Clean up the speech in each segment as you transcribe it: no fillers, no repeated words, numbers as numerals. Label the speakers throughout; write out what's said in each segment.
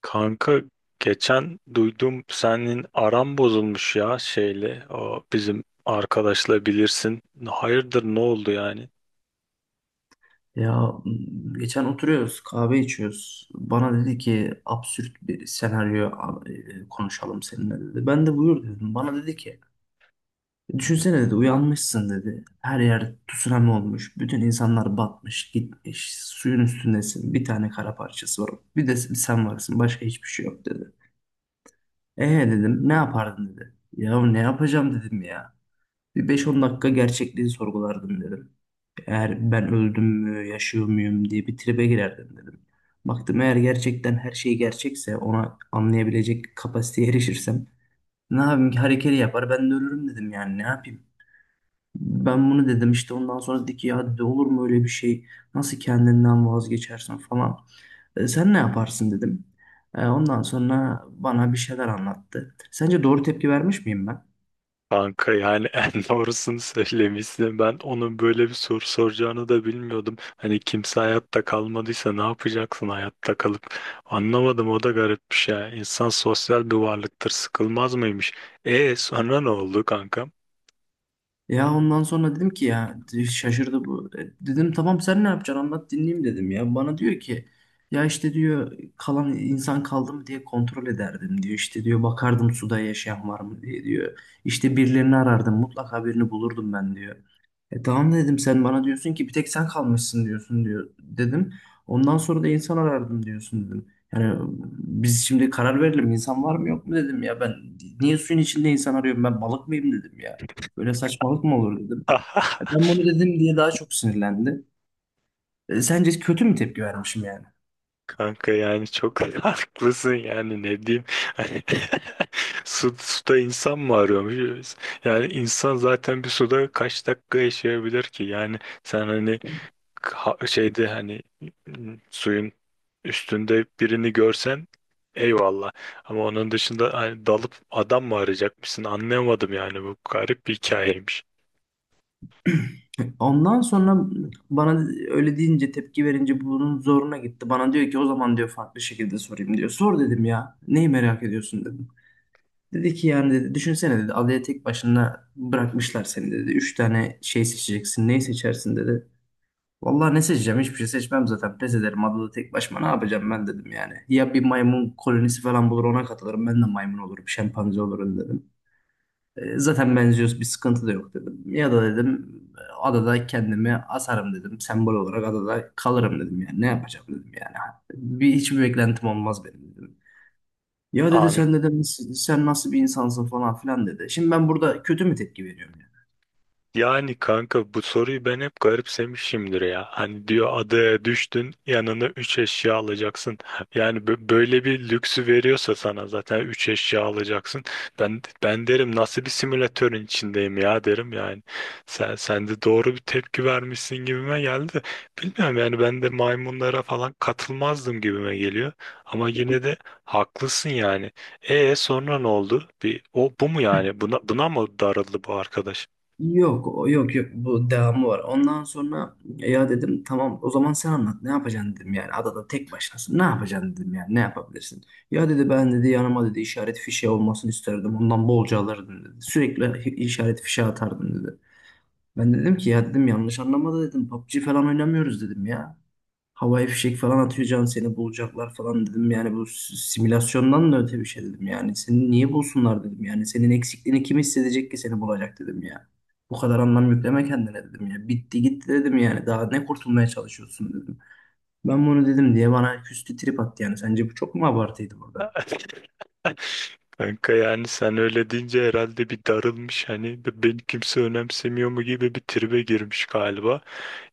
Speaker 1: Kanka geçen duydum senin aran bozulmuş ya şeyle o bizim arkadaşla bilirsin. Hayırdır ne oldu yani?
Speaker 2: Ya geçen oturuyoruz, kahve içiyoruz. Bana dedi ki absürt bir senaryo konuşalım seninle dedi. Ben de buyur dedim. Bana dedi ki düşünsene dedi uyanmışsın dedi. Her yer tsunami olmuş. Bütün insanlar batmış, gitmiş. Suyun üstündesin. Bir tane kara parçası var. Bir de sen varsın. Başka hiçbir şey yok dedi. Dedim ne yapardın dedi. Ya ne yapacağım dedim ya. Bir beş on dakika gerçekliği sorgulardım dedim. Eğer ben öldüm mü, yaşıyor muyum diye bir tribe girerdim dedim. Baktım eğer gerçekten her şey gerçekse ona anlayabilecek kapasiteye erişirsem ne yapayım ki hareketi yapar ben de ölürüm dedim yani ne yapayım. Ben bunu dedim işte ondan sonra dedi ki ya dedi, olur mu öyle bir şey nasıl kendinden vazgeçersin falan. Sen ne yaparsın dedim. Ondan sonra bana bir şeyler anlattı. Sence doğru tepki vermiş miyim ben?
Speaker 1: Kanka yani en doğrusunu söylemişsin. Ben onun böyle bir soru soracağını da bilmiyordum. Hani kimse hayatta kalmadıysa ne yapacaksın hayatta kalıp? Anlamadım, o da garipmiş ya. İnsan sosyal bir varlıktır, sıkılmaz mıymış? Sonra ne oldu kankam?
Speaker 2: Ya ondan sonra dedim ki ya şaşırdı bu. E, Dedim tamam sen ne yapacaksın anlat dinleyeyim dedim ya. Bana diyor ki ya işte diyor kalan insan kaldı mı diye kontrol ederdim diyor. İşte diyor bakardım suda yaşayan var mı diye diyor. İşte birilerini arardım mutlaka birini bulurdum ben diyor. E tamam dedim sen bana diyorsun ki bir tek sen kalmışsın diyorsun diyor dedim. Ondan sonra da insan arardım diyorsun dedim. Yani biz şimdi karar verelim insan var mı yok mu dedim ya ben niye suyun içinde insan arıyorum ben balık mıyım dedim ya. Böyle saçmalık mı olur dedim. E, Ben bunu dedim diye daha çok sinirlendi. E, sence kötü mü tepki vermişim yani?
Speaker 1: Kanka yani çok haklısın, yani ne diyeyim. Hani suda insan mı arıyormuş? Yani insan zaten bir suda kaç dakika yaşayabilir ki? Yani sen hani şeyde, hani suyun üstünde birini görsen eyvallah. Ama onun dışında hani dalıp adam mı arayacakmışsın, anlayamadım. Yani bu garip bir hikayeymiş.
Speaker 2: Ondan sonra bana öyle deyince tepki verince bunun zoruna gitti. Bana diyor ki o zaman diyor farklı şekilde sorayım diyor. Sor dedim ya. Neyi merak ediyorsun dedim. Dedi ki yani dedi, düşünsene dedi adaya tek başına bırakmışlar seni dedi. Üç tane şey seçeceksin. Neyi seçersin dedi. Vallahi ne seçeceğim? Hiçbir şey seçmem zaten. Pes ederim. Adada tek başıma ne yapacağım ben dedim yani. Ya bir maymun kolonisi falan bulur ona katılırım. Ben de maymun olurum. Şempanze olurum dedim. Zaten benziyoruz. Bir sıkıntı da yok dedim. Ya da dedim adada kendimi asarım dedim. Sembol olarak adada kalırım dedim yani. Ne yapacağım dedim yani. Bir, hiçbir beklentim olmaz benim dedim. Ya dedi sen dedim sen nasıl bir insansın falan filan dedi. Şimdi ben burada kötü mü tepki veriyorum?
Speaker 1: Yani kanka bu soruyu ben hep garipsemişimdir ya. Hani diyor adaya düştün, yanına 3 eşya alacaksın. Yani böyle bir lüksü veriyorsa sana zaten 3 eşya alacaksın. Ben derim nasıl bir simülatörün içindeyim ya, derim yani. Sen de doğru bir tepki vermişsin gibime geldi. Bilmiyorum, yani ben de maymunlara falan katılmazdım gibime geliyor. Ama yine de haklısın yani. Sonra ne oldu? O bu mu yani? Buna mı darıldı bu arkadaş?
Speaker 2: Yok yok bu devamı var. Ondan sonra ya dedim tamam o zaman sen anlat ne yapacaksın dedim yani adada tek başınasın ne yapacaksın dedim yani ne yapabilirsin. Ya dedi ben dedi yanıma dedi işaret fişeği olmasını isterdim ondan bolca alırdım dedi. Sürekli işaret fişeği atardım dedi. Ben dedim ki ya dedim yanlış anlamadı dedim PUBG falan oynamıyoruz dedim ya havaya fişek falan atacağım seni bulacaklar falan dedim. Yani bu simülasyondan da öte bir şey dedim. Yani seni niye bulsunlar dedim. Yani senin eksikliğini kim hissedecek ki seni bulacak dedim ya. Bu kadar anlam yükleme kendine dedim ya. Bitti gitti dedim yani. Daha ne kurtulmaya çalışıyorsun dedim. Ben bunu dedim diye bana küstü trip attı yani. Sence bu çok mu abartıydı burada?
Speaker 1: Kanka yani sen öyle deyince herhalde bir darılmış, hani beni kimse önemsemiyor mu gibi bir tribe girmiş galiba.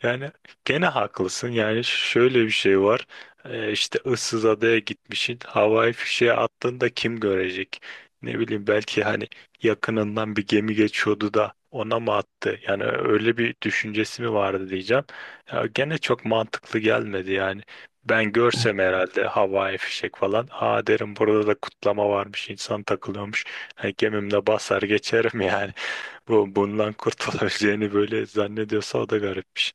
Speaker 1: Yani gene haklısın. Yani şöyle bir şey var. İşte ıssız adaya gitmişsin. Havai fişeğe attığında kim görecek? Ne bileyim, belki hani yakınından bir gemi geçiyordu da ona mı attı? Yani öyle bir düşüncesi mi vardı diyeceğim. Ya gene çok mantıklı gelmedi yani. Ben görsem herhalde havai fişek falan, "Aa," derim, "burada da kutlama varmış, insan takılıyormuş." Yani gemimle basar geçerim yani. Bu bundan kurtulabileceğini böyle zannediyorsa o da garipmiş.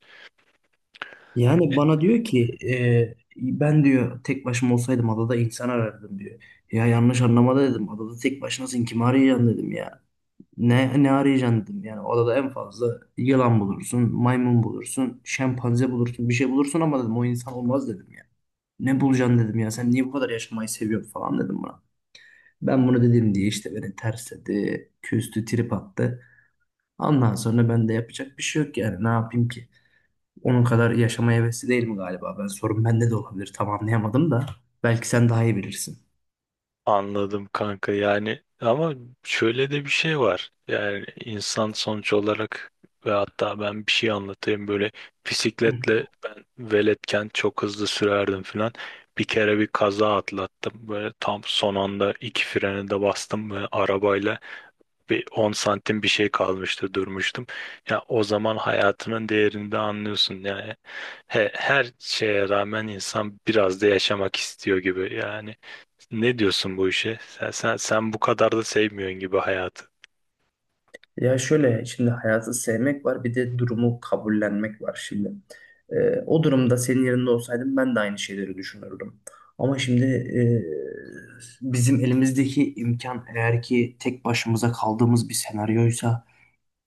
Speaker 2: Yani bana diyor ki ben diyor tek başıma olsaydım adada insan arardım diyor. Ya yanlış anlama da dedim. Adada tek başınasın kim arayacaksın dedim ya. Ne arayacaksın dedim. Yani odada en fazla yılan bulursun, maymun bulursun, şempanze bulursun, bir şey bulursun ama dedim o insan olmaz dedim ya. Ne bulacaksın dedim ya sen niye bu kadar yaşamayı seviyorsun falan dedim buna. Ben bunu dedim diye işte beni tersledi, küstü, trip attı. Ondan sonra ben de yapacak bir şey yok yani ne yapayım ki? Onun kadar yaşamaya hevesli değil mi galiba? Ben sorun bende de olabilir tam anlayamadım da. Belki sen daha iyi bilirsin.
Speaker 1: Anladım kanka, yani ama şöyle de bir şey var. Yani insan sonuç olarak, ve hatta ben bir şey anlatayım, böyle bisikletle ben veletken çok hızlı sürerdim filan. Bir kere bir kaza atlattım. Böyle tam son anda iki freni de bastım ve arabayla bir 10 santim bir şey kalmıştı, durmuştum. Ya o zaman hayatının değerini de anlıyorsun yani. Her şeye rağmen insan biraz da yaşamak istiyor gibi yani. Ne diyorsun bu işe? Sen bu kadar da sevmiyorsun gibi hayatı.
Speaker 2: Ya şöyle şimdi hayatı sevmek var bir de durumu kabullenmek var şimdi. O durumda senin yerinde olsaydım ben de aynı şeyleri düşünürdüm. Ama şimdi bizim elimizdeki imkan eğer ki tek başımıza kaldığımız bir senaryoysa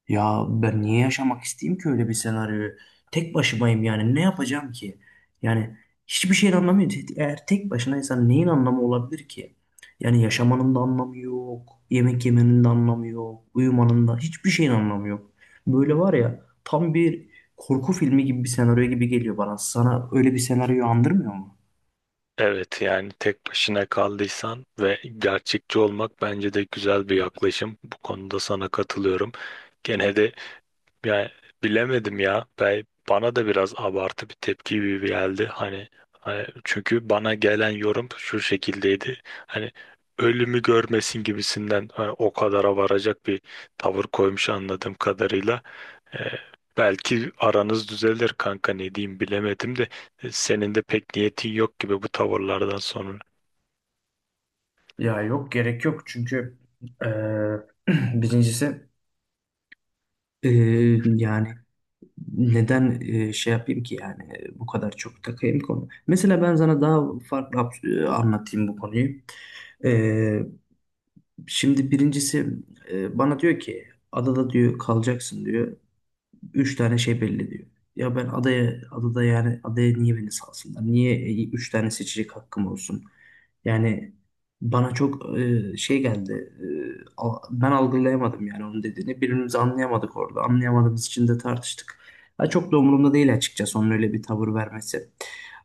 Speaker 2: ya ben niye yaşamak isteyeyim ki öyle bir senaryoyu? Tek başımayım yani ne yapacağım ki? Yani hiçbir şeyin anlamı yok. Eğer tek başınaysan neyin anlamı olabilir ki? Yani yaşamanın da anlamı yok. Yemek yemenin de anlamı yok. Uyumanın da hiçbir şeyin anlamı yok. Böyle var ya tam bir korku filmi gibi bir senaryo gibi geliyor bana. Sana öyle bir senaryoyu andırmıyor mu?
Speaker 1: Evet, yani tek başına kaldıysan ve gerçekçi olmak bence de güzel bir yaklaşım. Bu konuda sana katılıyorum. Gene de yani bilemedim ya. Bana da biraz abartı bir tepki gibi geldi. Hani çünkü bana gelen yorum şu şekildeydi. Hani ölümü görmesin gibisinden, hani o kadara varacak bir tavır koymuş anladığım kadarıyla. Ee, Belki aranız düzelir kanka, ne diyeyim bilemedim de senin de pek niyetin yok gibi bu tavırlardan sonra.
Speaker 2: Ya yok gerek yok çünkü eee, birincisi Ee, yani neden şey yapayım ki yani bu kadar çok takayım konu. Mesela ben sana daha farklı anlatayım bu konuyu. E, Şimdi birincisi bana diyor ki adada diyor kalacaksın diyor. Üç tane şey belli diyor. Ya ben adaya, adada yani adaya niye beni salsınlar? Niye üç tane seçecek hakkım olsun? Yani bana çok şey geldi. Ben algılayamadım yani onun dediğini. Birbirimizi anlayamadık orada. Anlayamadığımız için de tartıştık. Ha, çok da umurumda değil açıkçası onun öyle bir tavır vermesi.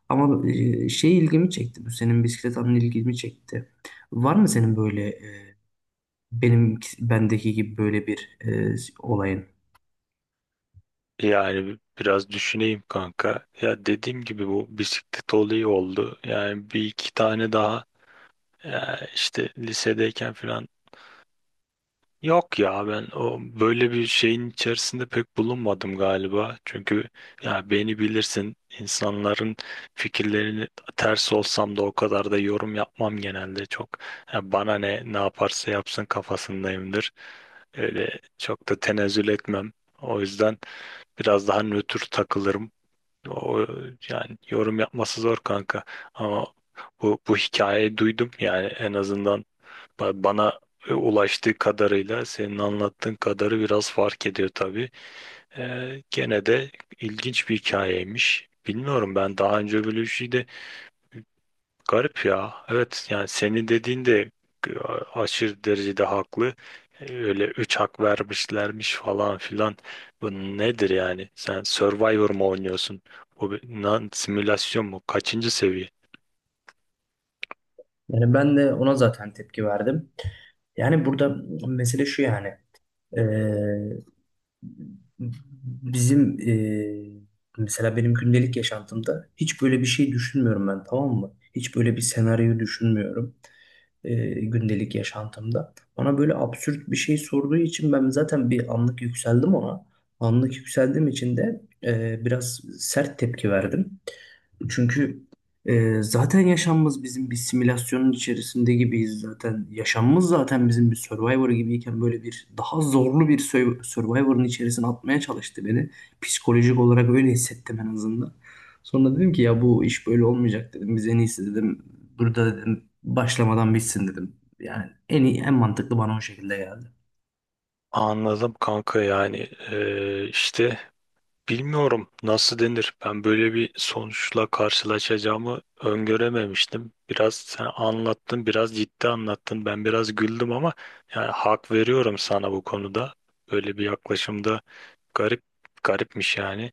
Speaker 2: Ama şey ilgimi çekti. Bu senin bisiklet anın ilgimi çekti. Var mı senin böyle benim bendeki gibi böyle bir olayın?
Speaker 1: Yani biraz düşüneyim kanka. Ya dediğim gibi bu bisiklet olayı oldu. Yani bir iki tane daha, ya işte lisedeyken falan. Yok ya, ben o böyle bir şeyin içerisinde pek bulunmadım galiba. Çünkü ya beni bilirsin, insanların fikirlerini ters olsam da o kadar da yorum yapmam genelde çok. Ya bana ne yaparsa yapsın kafasındayımdır. Öyle çok da tenezzül etmem. O yüzden biraz daha nötr takılırım. O yani yorum yapması zor kanka. Ama bu hikayeyi duydum yani, en azından bana ulaştığı kadarıyla senin anlattığın kadarı biraz fark ediyor tabii. Gene de ilginç bir hikayeymiş. Bilmiyorum, ben daha önce böyle bir şey de garip ya. Evet, yani senin dediğin de e, aşırı derecede haklı. Öyle üç hak vermişlermiş falan filan. Bu nedir yani? Sen Survivor mu oynuyorsun? Bu bir lan simülasyon mu? Kaçıncı seviye?
Speaker 2: Yani ben de ona zaten tepki verdim. Yani burada mesele şu yani. eee, Bizim mesela benim gündelik yaşantımda hiç böyle bir şey düşünmüyorum ben tamam mı? Hiç böyle bir senaryo düşünmüyorum gündelik yaşantımda. Bana böyle absürt bir şey sorduğu için ben zaten bir anlık yükseldim ona. Anlık yükseldiğim için de biraz sert tepki verdim. Çünkü zaten yaşamımız bizim bir simülasyonun içerisinde gibiyiz zaten. Yaşamımız zaten bizim bir Survivor gibiyken böyle bir daha zorlu bir Survivor'ın içerisine atmaya çalıştı beni. Psikolojik olarak öyle hissettim en azından. Sonra dedim ki ya bu iş böyle olmayacak dedim. Biz en iyisi dedim. Burada dedim başlamadan bitsin dedim. Yani en iyi, en mantıklı bana o şekilde geldi.
Speaker 1: Anladım kanka, yani işte bilmiyorum nasıl denir. Ben böyle bir sonuçla karşılaşacağımı öngörememiştim. Biraz sen anlattın, biraz ciddi anlattın. Ben biraz güldüm ama yani hak veriyorum sana bu konuda. Böyle bir yaklaşımda garip garipmiş yani.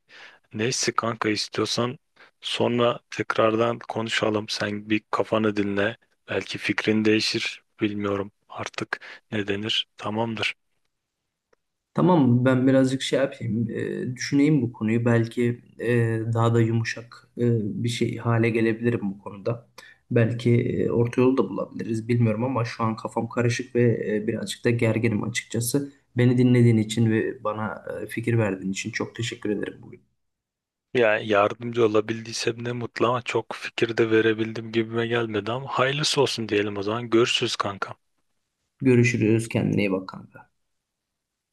Speaker 1: Neyse kanka, istiyorsan sonra tekrardan konuşalım. Sen bir kafanı dinle. Belki fikrin değişir. Bilmiyorum artık ne denir. Tamamdır.
Speaker 2: Tamam, ben birazcık şey yapayım, düşüneyim bu konuyu. Belki daha da yumuşak bir şey hale gelebilirim bu konuda. Belki orta yolu da bulabiliriz, bilmiyorum ama şu an kafam karışık ve birazcık da gerginim açıkçası. Beni dinlediğin için ve bana fikir verdiğin için çok teşekkür ederim bugün.
Speaker 1: Yani yardımcı olabildiysem ne mutlu, ama çok fikir de verebildim gibime gelmedi. Ama hayırlısı olsun diyelim o zaman. Görüşürüz kanka.
Speaker 2: Görüşürüz, kendine iyi bak kanka.